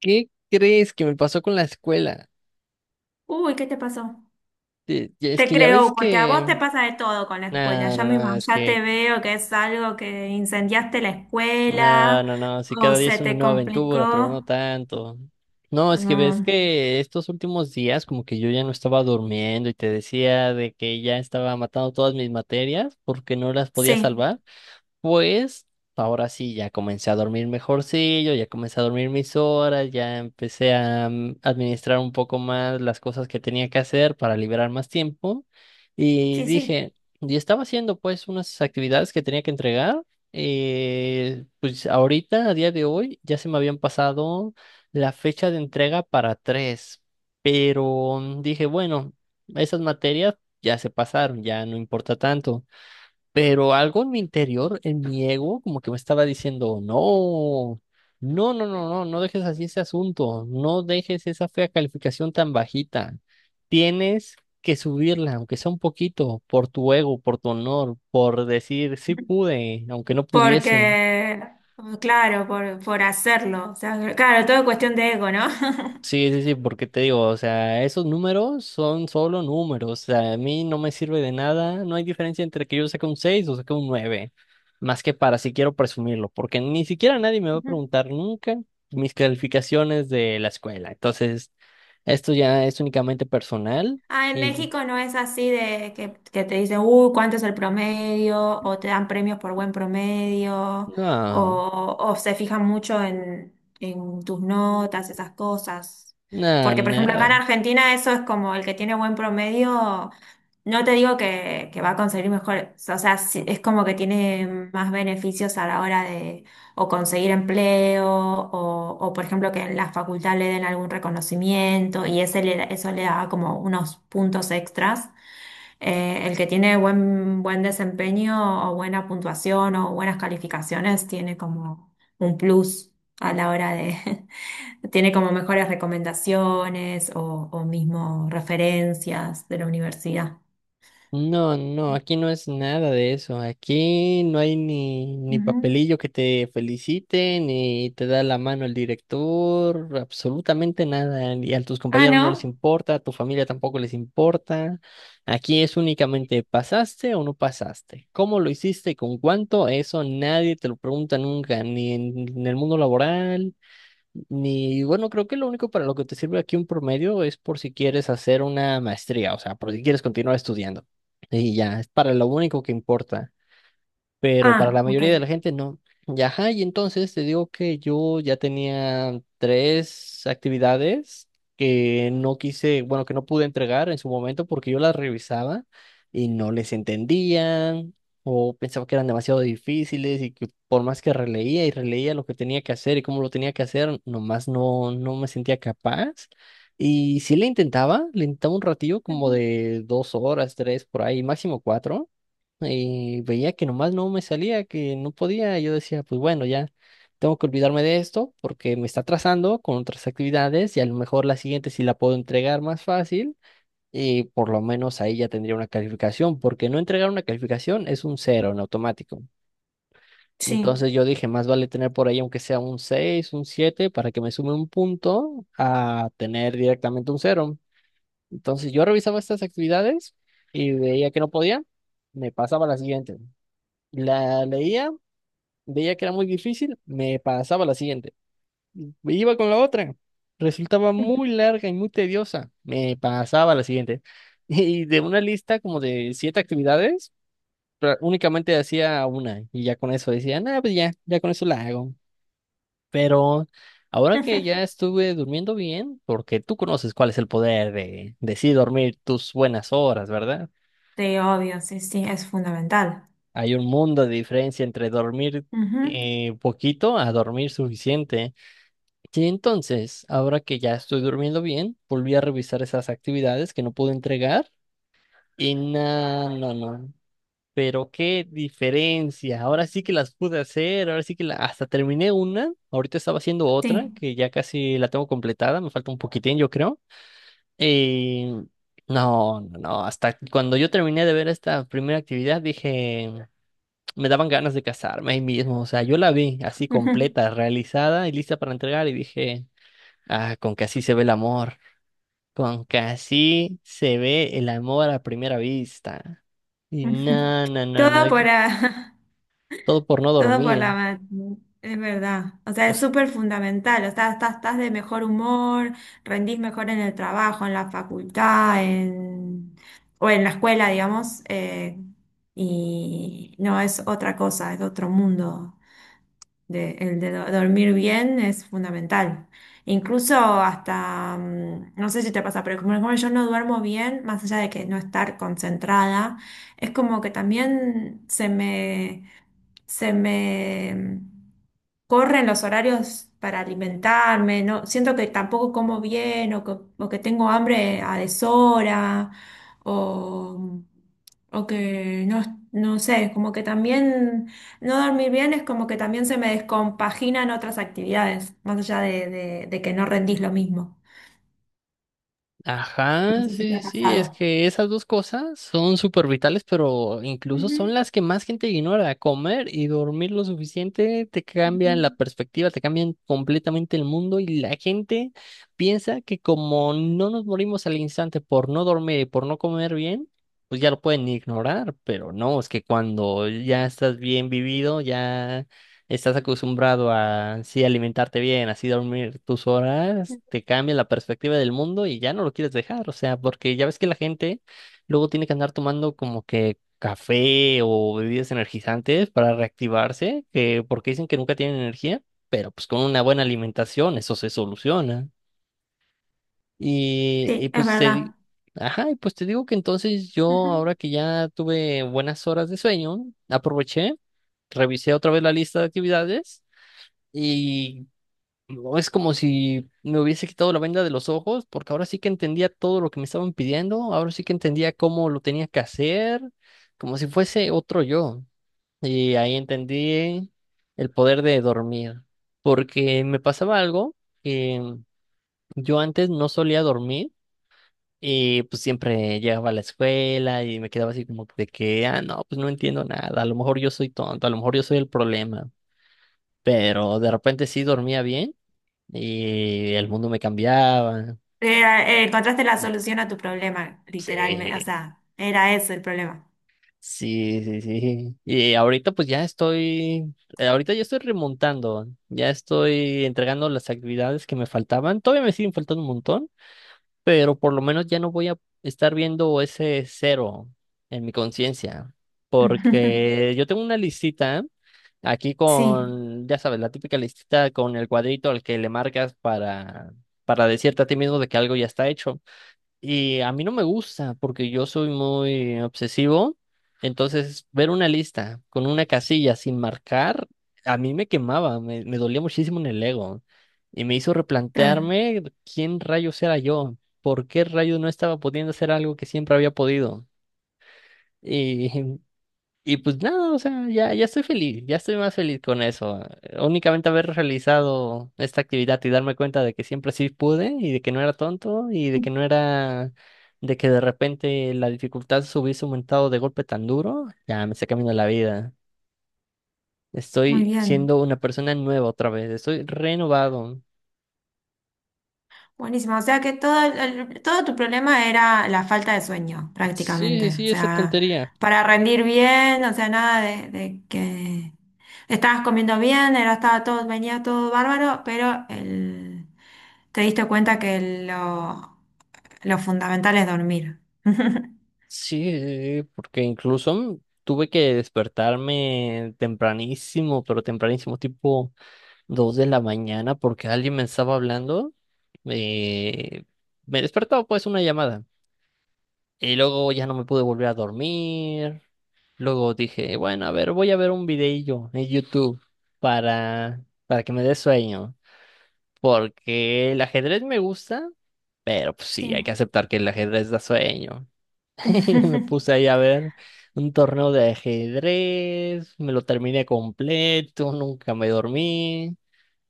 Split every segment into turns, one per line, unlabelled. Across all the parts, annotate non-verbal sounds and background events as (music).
¿Qué crees que me pasó con la escuela?
Uy, ¿qué te pasó?
Es
Te
que ya
creo,
ves
porque a vos te
que...
pasa de todo con la escuela.
No, no, no, es
Ya te
que...
veo que es algo que incendiaste la
No,
escuela
no, no, si
o
cada día
se
es una
te
nueva aventura, pero no
complicó.
tanto. No, es que ves
No,
que estos últimos días como que yo ya no estaba durmiendo y te decía de que ya estaba matando todas mis materias porque no las podía
sí,
salvar. Pues ahora sí, ya comencé a dormir mejorcillo, ya comencé a dormir mis horas, ya empecé a administrar un poco más las cosas que tenía que hacer para liberar más tiempo. Y
sí, sí.
dije, y estaba haciendo pues unas actividades que tenía que entregar. Pues ahorita, a día de hoy, ya se me habían pasado la fecha de entrega para tres, pero dije, bueno, esas materias ya se pasaron, ya no importa tanto. Pero algo en mi interior, en mi ego, como que me estaba diciendo, no, no, no, no, no, no dejes así ese asunto, no dejes esa fea calificación tan bajita. Tienes que subirla, aunque sea un poquito, por tu ego, por tu honor, por decir, sí pude, aunque no pudiese.
Porque, claro, por hacerlo. O sea, claro, todo es cuestión de ego, ¿no?
Sí, sí, sí, porque te digo, o sea, esos números son solo números, o sea, a mí no me sirve de nada, no hay diferencia entre que yo saque un 6 o saque un 9 más que para si quiero presumirlo, porque ni siquiera nadie me va a
(laughs)
preguntar nunca mis calificaciones de la escuela, entonces esto ya es únicamente personal
Ah, en
y
México no es así de que te dicen, uy, ¿cuánto es el promedio? O te dan premios por buen promedio,
no,
o se fijan mucho en tus notas, esas cosas.
no,
Porque, por ejemplo, acá en
nada.
Argentina eso es como el que tiene buen promedio, no te digo que va a conseguir mejor, o sea, sí, es como que tiene más beneficios a la hora de o conseguir empleo, o, por ejemplo que en la facultad le den algún reconocimiento y eso le da como unos puntos extras. El que tiene buen desempeño o buena puntuación o buenas calificaciones tiene como un plus a la hora de, (laughs) tiene como mejores recomendaciones o mismo referencias de la universidad.
No, no, aquí no es nada de eso. Aquí no hay ni
Ujú.
papelillo que te felicite, ni te da la mano el director, absolutamente nada. Y a tus
¿Ah,
compañeros no les
no?
importa, a tu familia tampoco les importa. Aquí es únicamente pasaste o no pasaste. ¿Cómo lo hiciste y con cuánto? Eso nadie te lo pregunta nunca, ni en el mundo laboral. Ni, bueno, creo que lo único para lo que te sirve aquí un promedio es por si quieres hacer una maestría, o sea, por si quieres continuar estudiando. Y ya, es para lo único que importa, pero para
Ah,
la
ok.
mayoría de la gente no. Y ajá, y entonces te digo que yo ya tenía tres actividades que no quise, bueno, que no pude entregar en su momento porque yo las revisaba y no les entendían o pensaba que eran demasiado difíciles y que por más que releía y releía lo que tenía que hacer y cómo lo tenía que hacer, nomás no, no me sentía capaz. Y sí le intentaba un ratillo como
Ujú.
de 2 horas, tres por ahí, máximo cuatro, y veía que nomás no me salía, que no podía. Y yo decía, pues bueno, ya tengo que olvidarme de esto porque me está atrasando con otras actividades y a lo mejor la siguiente sí la puedo entregar más fácil y por lo menos ahí ya tendría una calificación, porque no entregar una calificación es un cero en automático.
Sí.
Entonces yo dije, más vale tener por ahí aunque sea un 6 un 7 para que me sume un punto a tener directamente un cero. Entonces yo revisaba estas actividades y veía que no podía, me pasaba a la siguiente. La leía, veía que era muy difícil, me pasaba a la siguiente. Me iba con la otra, resultaba muy larga y muy tediosa, me pasaba a la siguiente. (laughs) Y de una lista como de siete actividades, únicamente hacía una y ya con eso decía, nada, pues ya, ya con eso la hago. Pero ahora que ya
(laughs)
estuve durmiendo bien, porque tú conoces cuál es el poder de sí dormir tus buenas horas, ¿verdad?
Sí, obvio, sí, sí, es fundamental.
Hay un mundo de diferencia entre dormir
Ujú,
poquito a dormir suficiente. Sí, entonces, ahora que ya estoy durmiendo bien, volví a revisar esas actividades que no pude entregar y no, no, no. Pero qué diferencia. Ahora sí que las pude hacer, ahora sí que hasta terminé una. Ahorita estaba haciendo otra
sí.
que ya casi la tengo completada, me falta un poquitín, yo creo. Eh, no, no, no. Hasta cuando yo terminé de ver esta primera actividad, dije, me daban ganas de casarme ahí mismo. O sea, yo la vi así
Ujú,
completa, realizada y lista para entregar y dije... Ah, con que así se ve el amor. Con que así se ve el amor a primera vista. Y
ujú.
no, no, no, no.
Todo por
y
la,
Todo por no
(laughs) todo por la,
dormir.
ma- es verdad. O sea, es súper fundamental. O sea, estás de mejor humor, rendís mejor en el trabajo, en la facultad, en, o en la escuela, digamos. Y no es otra cosa, es otro mundo. Dormir bien es fundamental. Incluso hasta, no sé si te pasa, pero como, como yo no duermo bien, más allá de que no estar concentrada, es como que también se me corren los horarios para alimentarme, no, siento que tampoco como bien o que tengo hambre a deshora o, o que no, no sé, como que también... No dormir bien es como que también se me descompaginan otras actividades, más allá de, de que no rendís lo mismo. No
Ajá,
sé si te
sí,
ha
sí, sí, es
pasado.
que esas dos cosas son súper vitales, pero incluso
Ujú,
son las que más gente ignora. Comer y dormir lo suficiente te
ujú.
cambian la perspectiva, te cambian completamente el mundo y la gente piensa que como no nos morimos al instante por no dormir y por no comer bien, pues ya lo pueden ignorar, pero no, es que cuando ya estás bien vivido, ya estás acostumbrado a sí alimentarte bien, así dormir tus horas, te cambia la perspectiva del mundo y ya no lo quieres dejar, o sea, porque ya ves que la gente luego tiene que andar tomando como que café o bebidas energizantes para reactivarse, que porque dicen que nunca tienen energía, pero pues con una buena alimentación eso se soluciona. Y, y
Sí, es
pues te di-
verdad.
Ajá, y pues te digo que entonces yo,
Ujú.
ahora que ya tuve buenas horas de sueño, aproveché, revisé otra vez la lista de actividades y no, es como si me hubiese quitado la venda de los ojos, porque ahora sí que entendía todo lo que me estaban pidiendo, ahora sí que entendía cómo lo tenía que hacer, como si fuese otro yo. Y ahí entendí el poder de dormir, porque me pasaba algo que yo antes no solía dormir. Y pues siempre llegaba a la escuela y me quedaba así como de que, ah, no, pues no entiendo nada, a lo mejor yo soy tonto, a lo mejor yo soy el problema, pero de repente sí dormía bien y el mundo me cambiaba.
Encontraste la solución a tu problema, literalmente. O
Sí,
sea, era ese el problema.
sí, sí, sí. Y ahorita pues ya estoy, ahorita ya estoy remontando, ya estoy entregando las actividades que me faltaban. Todavía me siguen faltando un montón, pero por lo menos ya no voy a estar viendo ese cero en mi conciencia,
(laughs)
porque yo tengo una listita aquí
Sí,
con, ya sabes, la típica listita con el cuadrito al que le marcas para decirte a ti mismo de que algo ya está hecho. Y a mí no me gusta porque yo soy muy obsesivo. Entonces, ver una lista con una casilla sin marcar, a mí me quemaba, me dolía muchísimo en el ego. Y me hizo
claro.
replantearme quién rayos era yo, por qué rayos no estaba pudiendo hacer algo que siempre había podido. Y (laughs) Y pues nada, o sea, ya, ya estoy feliz, ya estoy más feliz con eso. Únicamente haber realizado esta actividad y darme cuenta de que siempre sí pude y de que no era tonto y de que no era, de que de repente la dificultad se hubiese aumentado de golpe tan duro, ya me está cambiando la vida.
Muy
Estoy
bien.
siendo una persona nueva otra vez, estoy renovado.
Buenísimo, o sea que todo, todo tu problema era la falta de sueño,
Sí, sí,
prácticamente. O
sí, esa
sea,
tontería.
para rendir bien, o sea, nada de, de que estabas comiendo bien, era, estaba todo, venía todo bárbaro, pero el, te diste cuenta que lo fundamental es dormir. (laughs)
Sí, porque incluso tuve que despertarme tempranísimo, pero tempranísimo, tipo 2 de la mañana, porque alguien me estaba hablando. eh, Me despertó pues una llamada. Y luego ya no me pude volver a dormir. Luego dije, bueno, a ver, voy a ver un videillo en YouTube para que me dé sueño. Porque el ajedrez me gusta, pero pues sí, hay
Sí.
que aceptar que el ajedrez da sueño. (laughs) Y me puse
(laughs)
ahí a ver un torneo de ajedrez, me lo terminé completo, nunca me dormí.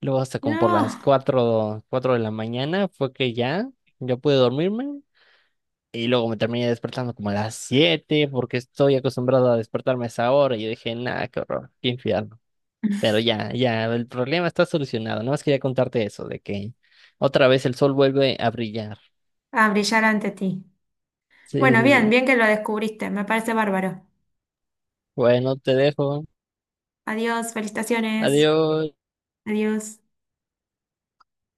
Luego hasta como por las
No,
cuatro de la mañana fue que ya, yo pude dormirme y luego me terminé despertando como a las 7 porque estoy acostumbrado a despertarme a esa hora y yo dije, nada, qué horror, qué infierno. Pero ya, ya, el problema está solucionado. Nada más quería contarte eso, de que otra vez el sol vuelve a brillar.
a brillar ante ti.
Sí,
Bueno,
sí,
bien,
sí.
bien que lo descubriste, me parece bárbaro.
Bueno, te dejo.
Adiós, felicitaciones.
Adiós.
Adiós.